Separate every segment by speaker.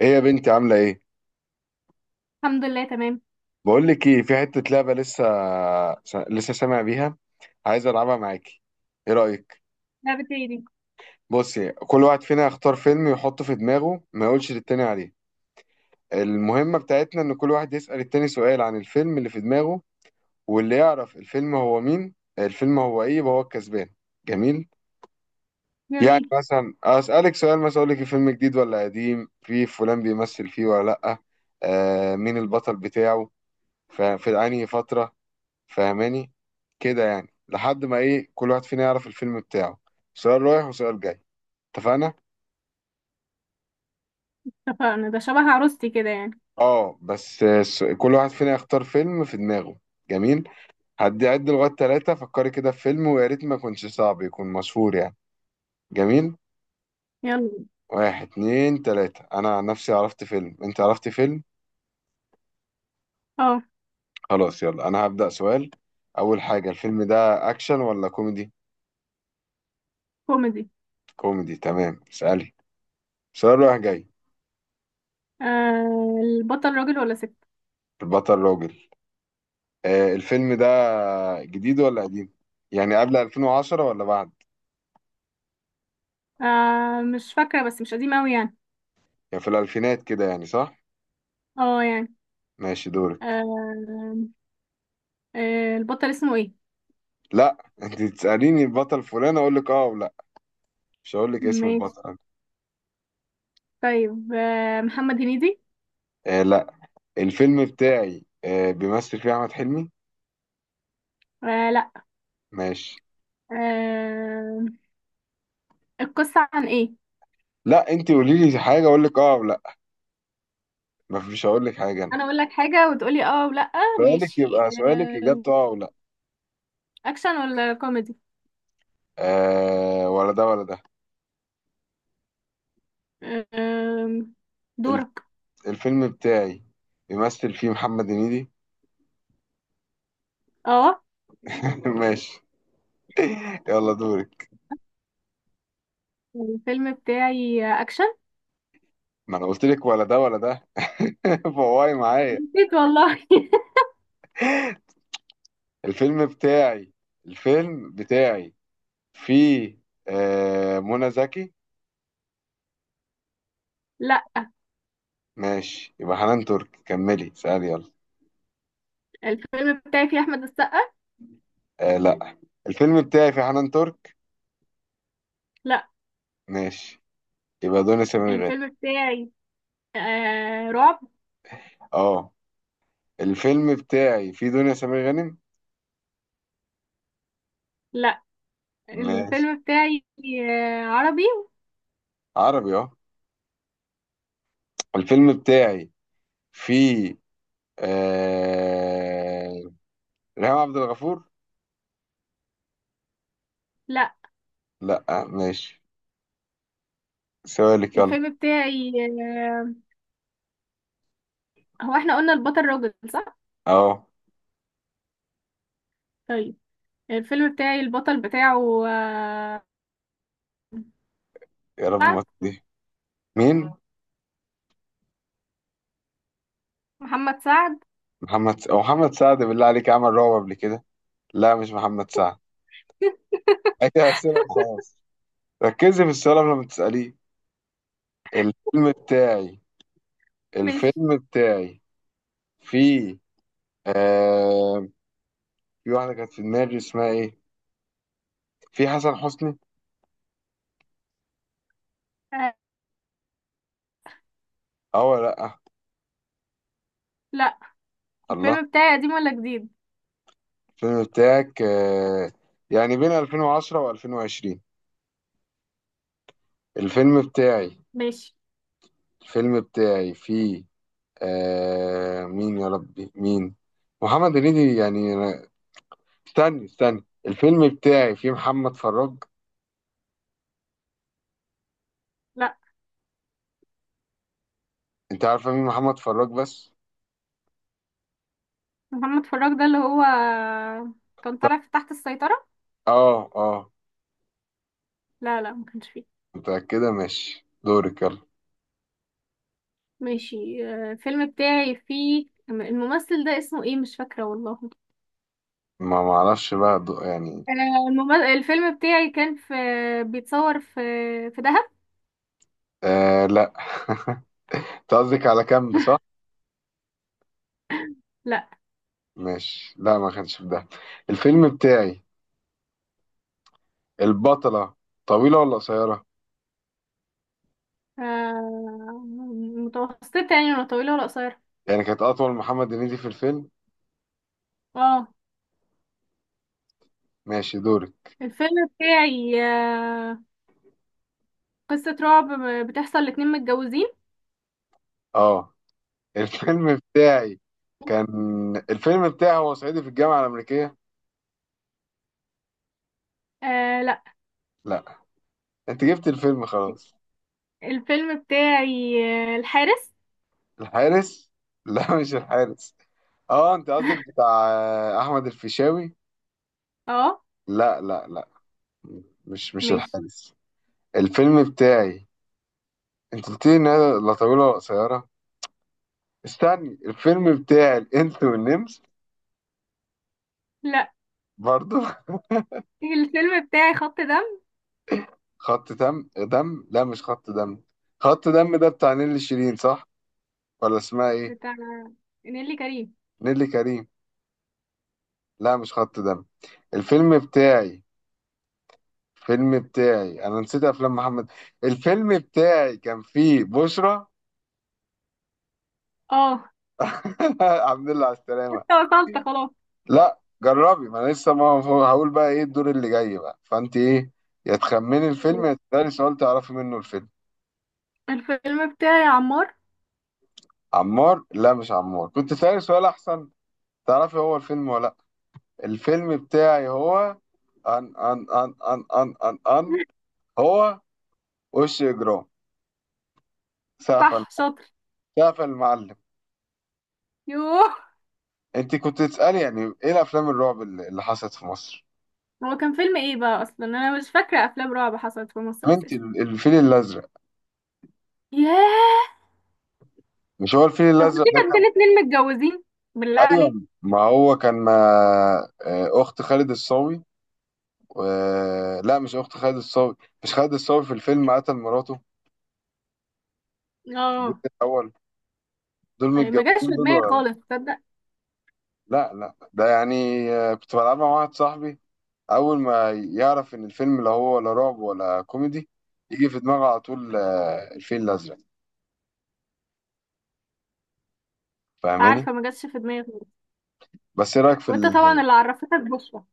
Speaker 1: ايه يا بنتي عاملة ايه؟
Speaker 2: الحمد لله، تمام.
Speaker 1: بقول لك ايه، في حتة لعبة لسه سامع بيها، عايز العبها معاكي. ايه رأيك؟
Speaker 2: لعبة ايه دي؟
Speaker 1: بصي، كل واحد فينا يختار فيلم يحطه في دماغه، ما يقولش للتاني عليه. المهمة بتاعتنا ان كل واحد يسأل التاني سؤال عن الفيلم اللي في دماغه، واللي يعرف الفيلم هو مين، الفيلم هو ايه، يبقى هو الكسبان. جميل؟ يعني
Speaker 2: جميل.
Speaker 1: مثلا اسألك سؤال، مثلا اقول لك الفيلم جديد ولا قديم؟ في فلان بيمثل فيه ولا لأ؟ آه، مين البطل بتاعه؟ في انهي فترة؟ فاهماني؟ كده يعني، لحد ما ايه، كل واحد فينا يعرف الفيلم بتاعه. سؤال رايح وسؤال جاي. اتفقنا؟
Speaker 2: اتفقنا، ده شبه عروستي كده يعني.
Speaker 1: اه بس كل واحد فينا يختار فيلم في دماغه. جميل، هدي عد لغايه ثلاثة، فكري كده في فيلم، ويا ريت ما يكونش صعب، يكون مشهور يعني. جميل.
Speaker 2: يلا.
Speaker 1: واحد اتنين تلاتة، انا عن نفسي عرفت فيلم، انت عرفت فيلم.
Speaker 2: اه.
Speaker 1: خلاص يلا انا هبدأ سؤال. اول حاجة، الفيلم ده اكشن ولا كوميدي؟
Speaker 2: كوميدي.
Speaker 1: كوميدي تمام، اسألي سؤال رايح جاي.
Speaker 2: البطل راجل ولا ست؟
Speaker 1: البطل راجل. آه، الفيلم ده جديد ولا قديم، يعني قبل 2010 ولا بعد؟
Speaker 2: مش فاكرة، بس مش قديم اوي يعني.
Speaker 1: يعني في الألفينات كده، يعني صح.
Speaker 2: اه يعني.
Speaker 1: ماشي دورك.
Speaker 2: آه. البطل اسمه ايه؟
Speaker 1: لا انت تسأليني البطل فلان، اقول لك اه ولا. مش هقول لك اسم
Speaker 2: ماشي.
Speaker 1: البطل.
Speaker 2: طيب، محمد هنيدي.
Speaker 1: آه لا، الفيلم بتاعي آه بيمثل فيه احمد حلمي.
Speaker 2: آه، لا.
Speaker 1: ماشي.
Speaker 2: آه. القصة عن ايه؟
Speaker 1: لا، انت قولي لي حاجه، اقول لك اه ولا. مفيش هقول لك حاجه انا.
Speaker 2: انا اقول لك حاجة وتقولي اه ولا؟
Speaker 1: سؤالك
Speaker 2: ماشي.
Speaker 1: يبقى سؤالك،
Speaker 2: آه.
Speaker 1: اجابته اه ولا.
Speaker 2: اكشن ولا كوميدي؟
Speaker 1: آه ولا ده ولا ده.
Speaker 2: آه.
Speaker 1: الف-
Speaker 2: دورك.
Speaker 1: الفيلم بتاعي بيمثل فيه محمد هنيدي.
Speaker 2: اه.
Speaker 1: ماشي، يلا دوري.
Speaker 2: الفيلم بتاعي اكشن.
Speaker 1: ما انا قلت لك ولا ده ولا ده. فواي معايا.
Speaker 2: نسيت والله
Speaker 1: الفيلم بتاعي، الفيلم بتاعي فيه آه منى زكي.
Speaker 2: لا.
Speaker 1: ماشي، يبقى حنان ترك. كملي سألي يلا.
Speaker 2: الفيلم بتاعي فيه احمد السقا.
Speaker 1: آه لا، الفيلم بتاعي فيه حنان ترك.
Speaker 2: لا.
Speaker 1: ماشي، يبقى دنيا سمير غانم.
Speaker 2: الفيلم بتاعي رعب.
Speaker 1: اه الفيلم بتاعي فيه دنيا سمير غانم.
Speaker 2: لا.
Speaker 1: ماشي،
Speaker 2: الفيلم بتاعي عربي.
Speaker 1: عربي اه. الفيلم بتاعي فيه آه... ريهام عبد الغفور.
Speaker 2: لا.
Speaker 1: لا ماشي، سؤالك يلا.
Speaker 2: الفيلم بتاعي آه. هو احنا قلنا البطل راجل، صح؟
Speaker 1: اه
Speaker 2: طيب، الفيلم بتاعي البطل بتاعه
Speaker 1: يا رب
Speaker 2: سعد.
Speaker 1: ما تضيع. مين؟
Speaker 2: محمد سعد.
Speaker 1: محمد س... أو محمد سعد؟ بالله عليك عمل رعب قبل كده. لا مش محمد سعد. هي أسئلة وخلاص، ركزي في السؤال قبل ما تسأليه. الفيلم بتاعي،
Speaker 2: ماشي.
Speaker 1: الفيلم بتاعي في آه... في واحدة كانت في دماغي اسمها إيه، في حسن حسني.
Speaker 2: آه،
Speaker 1: أه ولا لأ؟
Speaker 2: لا.
Speaker 1: الله.
Speaker 2: الفيلم بتاعي قديم ولا جديد؟
Speaker 1: الفيلم بتاعك يعني بين 2010 و2020. الفيلم بتاعي،
Speaker 2: ماشي.
Speaker 1: الفيلم بتاعي في، مين يا ربي مين، محمد هنيدي يعني. استني استني، الفيلم بتاعي فيه محمد فراج.
Speaker 2: لا،
Speaker 1: انت عارفه مين محمد فراج بس؟
Speaker 2: محمد فراج ده اللي هو كان
Speaker 1: طب
Speaker 2: طالع في تحت السيطرة.
Speaker 1: اه اه.
Speaker 2: لا لا، ما كانش فيه.
Speaker 1: متأكده؟ ماشي، دورك يلا.
Speaker 2: ماشي. الفيلم بتاعي فيه الممثل ده اسمه ايه، مش فاكرة والله.
Speaker 1: ما معرفش بقى يعني.
Speaker 2: الفيلم بتاعي كان في بيتصور في دهب.
Speaker 1: آه لا انت قصدك على كامب صح؟
Speaker 2: لا.
Speaker 1: ماشي، لا ما كانش في ده. الفيلم بتاعي، البطلة طويلة ولا قصيرة؟
Speaker 2: آه، متوسطة يعني، ولا طويلة ولا قصيرة؟
Speaker 1: يعني كانت أطول، محمد هنيدي في الفيلم.
Speaker 2: اه.
Speaker 1: ماشي دورك.
Speaker 2: الفيلم بتاعي قصة رعب بتحصل لاتنين متجوزين.
Speaker 1: اه الفيلم بتاعي كان، الفيلم بتاعي هو صعيدي في الجامعة الأمريكية.
Speaker 2: آه، لا.
Speaker 1: لا انت جبت الفيلم خلاص.
Speaker 2: الفيلم بتاعي الحارس
Speaker 1: الحارس؟ لا مش الحارس. اه انت قصدك بتاع آه، احمد الفيشاوي.
Speaker 2: اه.
Speaker 1: لا لا لا، مش مش
Speaker 2: ماشي.
Speaker 1: الحارس. الفيلم بتاعي، انت قلت لي انها لا طويله ولا قصيره. استني، الفيلم بتاعي الانس والنمس؟
Speaker 2: لا.
Speaker 1: برضو
Speaker 2: الفيلم بتاعي خط دم،
Speaker 1: خط دم، دم؟ لا مش خط دم. خط دم ده بتاع نيللي شيرين صح، ولا اسمها ايه؟
Speaker 2: بتاع نيللي كريم.
Speaker 1: نيللي كريم. لا مش خط دم. الفيلم بتاعي، الفيلم بتاعي، انا نسيت افلام محمد. الفيلم بتاعي كان فيه بشرى.
Speaker 2: اه.
Speaker 1: الحمد لله على السلامة.
Speaker 2: انت وصلت خلاص؟
Speaker 1: لا جربي، ما انا لسه، ما هو- هقول بقى ايه الدور اللي جاي، بقى فانت ايه، يا تخمني الفيلم، يا تسألي سؤال تعرفي منه الفيلم.
Speaker 2: الفيلم بتاعي عمار
Speaker 1: عمار؟ لا مش عمار، كنت سألي سؤال احسن، تعرفي هو الفيلم ولا لا. الفيلم بتاعي هو ان ان ان ان ان ان ان هو، وش اجرام. سقف الم-
Speaker 2: صح، شاطر.
Speaker 1: سقف المعلم.
Speaker 2: يوه.
Speaker 1: انت كنت تسألي يعني ايه الافلام الرعب اللي حصلت في مصر.
Speaker 2: هو كان فيلم ايه بقى؟ اصلا انا مش فاكره افلام رعب حصلت في مصر
Speaker 1: انت
Speaker 2: اساسا.
Speaker 1: الفيل الازرق.
Speaker 2: ياه.
Speaker 1: مش هو الفيل
Speaker 2: طب،
Speaker 1: الازرق
Speaker 2: ودي
Speaker 1: ده؟
Speaker 2: كانت بين اتنين متجوزين، بالله عليك.
Speaker 1: ايوه، ما هو كان مع آه، اخت خالد الصاوي. لا مش اخت خالد الصاوي. مش خالد الصاوي في الفيلم قتل مراته في الجزء
Speaker 2: اه.
Speaker 1: الاول؟ دول
Speaker 2: أي، ما جاش
Speaker 1: متجوزين.
Speaker 2: في
Speaker 1: دول
Speaker 2: دماغي
Speaker 1: ولا،
Speaker 2: خالص، تصدق؟ مش
Speaker 1: لا لا لا، ده يعني آه، كنت بلعبها مع واحد صاحبي. اول ما يعرف ان الفيلم لا هو ولا رعب ولا كوميدي، يجي في دماغه على طول آه، الفيل الازرق. فاهماني؟
Speaker 2: عارفه، ما جاتش في دماغي خالص.
Speaker 1: بس ايه رايك في
Speaker 2: وانت طبعا اللي عرفتك بشرى.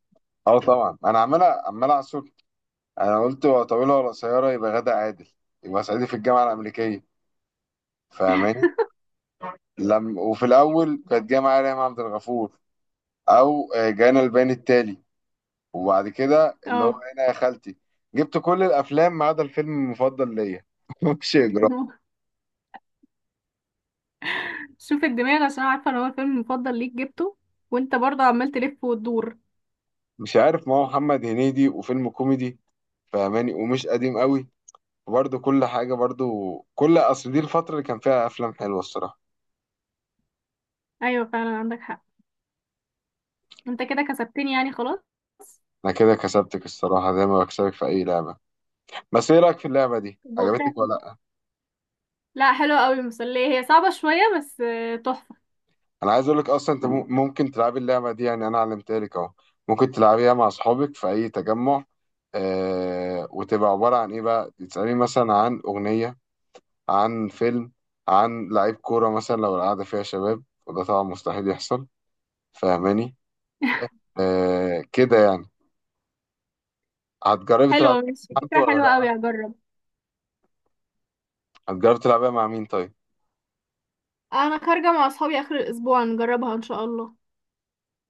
Speaker 1: اه طبعا. انا عمال اعصر. انا قلت ولا طويله ولا قصيره، يبقى غادة عادل. يبقى صعيدي في الجامعه الامريكيه. فاهماني؟ لم، وفي الاول كانت جايه معايا ريهام عبد الغفور، او آه، جانا البيان التالي. وبعد كده اللي هو
Speaker 2: اه
Speaker 1: انا يا خالتي جبت كل الافلام ما عدا الفيلم المفضل ليا. مش اجرام.
Speaker 2: شوف الدماغ، عشان عارفه ان هو الفيلم المفضل ليك جبته. وانت برضه عمال تلف وتدور.
Speaker 1: مش عارف، ما هو محمد هنيدي وفيلم كوميدي، فاهماني، ومش قديم قوي، برضه كل حاجه، برضه كل، اصل دي الفتره اللي كان فيها افلام حلوه الصراحه.
Speaker 2: ايوه فعلا، عندك حق. انت كده كسبتني يعني خلاص.
Speaker 1: انا كده كسبتك الصراحه، زي ما بكسبك في اي لعبه. بس ايه رايك في اللعبه دي،
Speaker 2: طب
Speaker 1: عجبتك
Speaker 2: وإيه؟
Speaker 1: ولا؟
Speaker 2: لا، حلوة قوي، المسلية، هي صعبة شوية بس تحفة.
Speaker 1: انا عايز اقول لك اصلا، انت ممكن تلعبي اللعبه دي، يعني انا علمتها لك اهو. ممكن تلعبيها مع اصحابك في اي تجمع. آه، وتبقى عباره عن ايه بقى، تسالي مثلا عن اغنيه، عن فيلم، عن لعيب كوره مثلا، لو القعده فيها شباب، وده طبعا مستحيل يحصل. فاهماني؟ آه كده يعني. هتجربي تلعبي
Speaker 2: حلوة، ماشي،
Speaker 1: مع حد
Speaker 2: فكرة
Speaker 1: ولا
Speaker 2: حلوة قوي،
Speaker 1: لا؟
Speaker 2: هجرب.
Speaker 1: هتجربي تلعبيها مع مين طيب؟
Speaker 2: انا خارجة مع اصحابي اخر الاسبوع، نجربها ان شاء الله.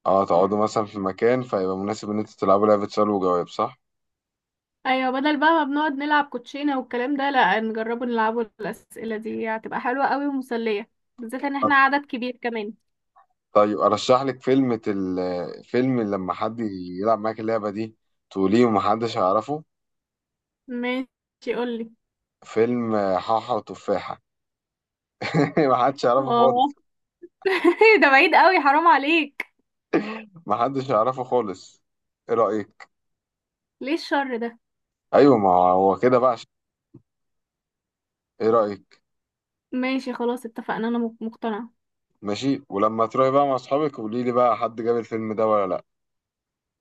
Speaker 1: اه، تقعدوا مثلا في مكان فيبقى مناسب ان انتوا تلعبوا لعبه سؤال وجواب صح.
Speaker 2: ايوه، بدل بقى ما بنقعد نلعب كوتشينة والكلام ده، لا، نجربوا نلعبوا الاسئلة دي، هتبقى حلوة قوي ومسلية. بالذات ان احنا عدد كبير كمان.
Speaker 1: طيب ارشح لك فيلم فيلم لما حد يلعب معاك اللعبه دي، تقوليه ومحدش هيعرفه.
Speaker 2: ماشي، قولي.
Speaker 1: فيلم حاحة وتفاحة. محدش يعرفه
Speaker 2: اه
Speaker 1: خالص.
Speaker 2: ده بعيد قوي، حرام عليك.
Speaker 1: محدش يعرفه خالص، ايه رأيك؟
Speaker 2: ليه الشر ده؟
Speaker 1: ايوه، ما هو كده بقى. ايه رأيك؟
Speaker 2: ماشي، خلاص، اتفقنا، انا مقتنعة.
Speaker 1: ماشي، ولما تروحي بقى مع اصحابك قولي لي بقى حد جاب الفيلم ده ولا لا.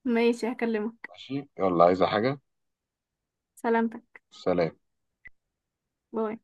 Speaker 2: ماشي، هكلمك.
Speaker 1: ماشي يلا، عايزة حاجة؟
Speaker 2: سلامتك.
Speaker 1: سلام.
Speaker 2: باي.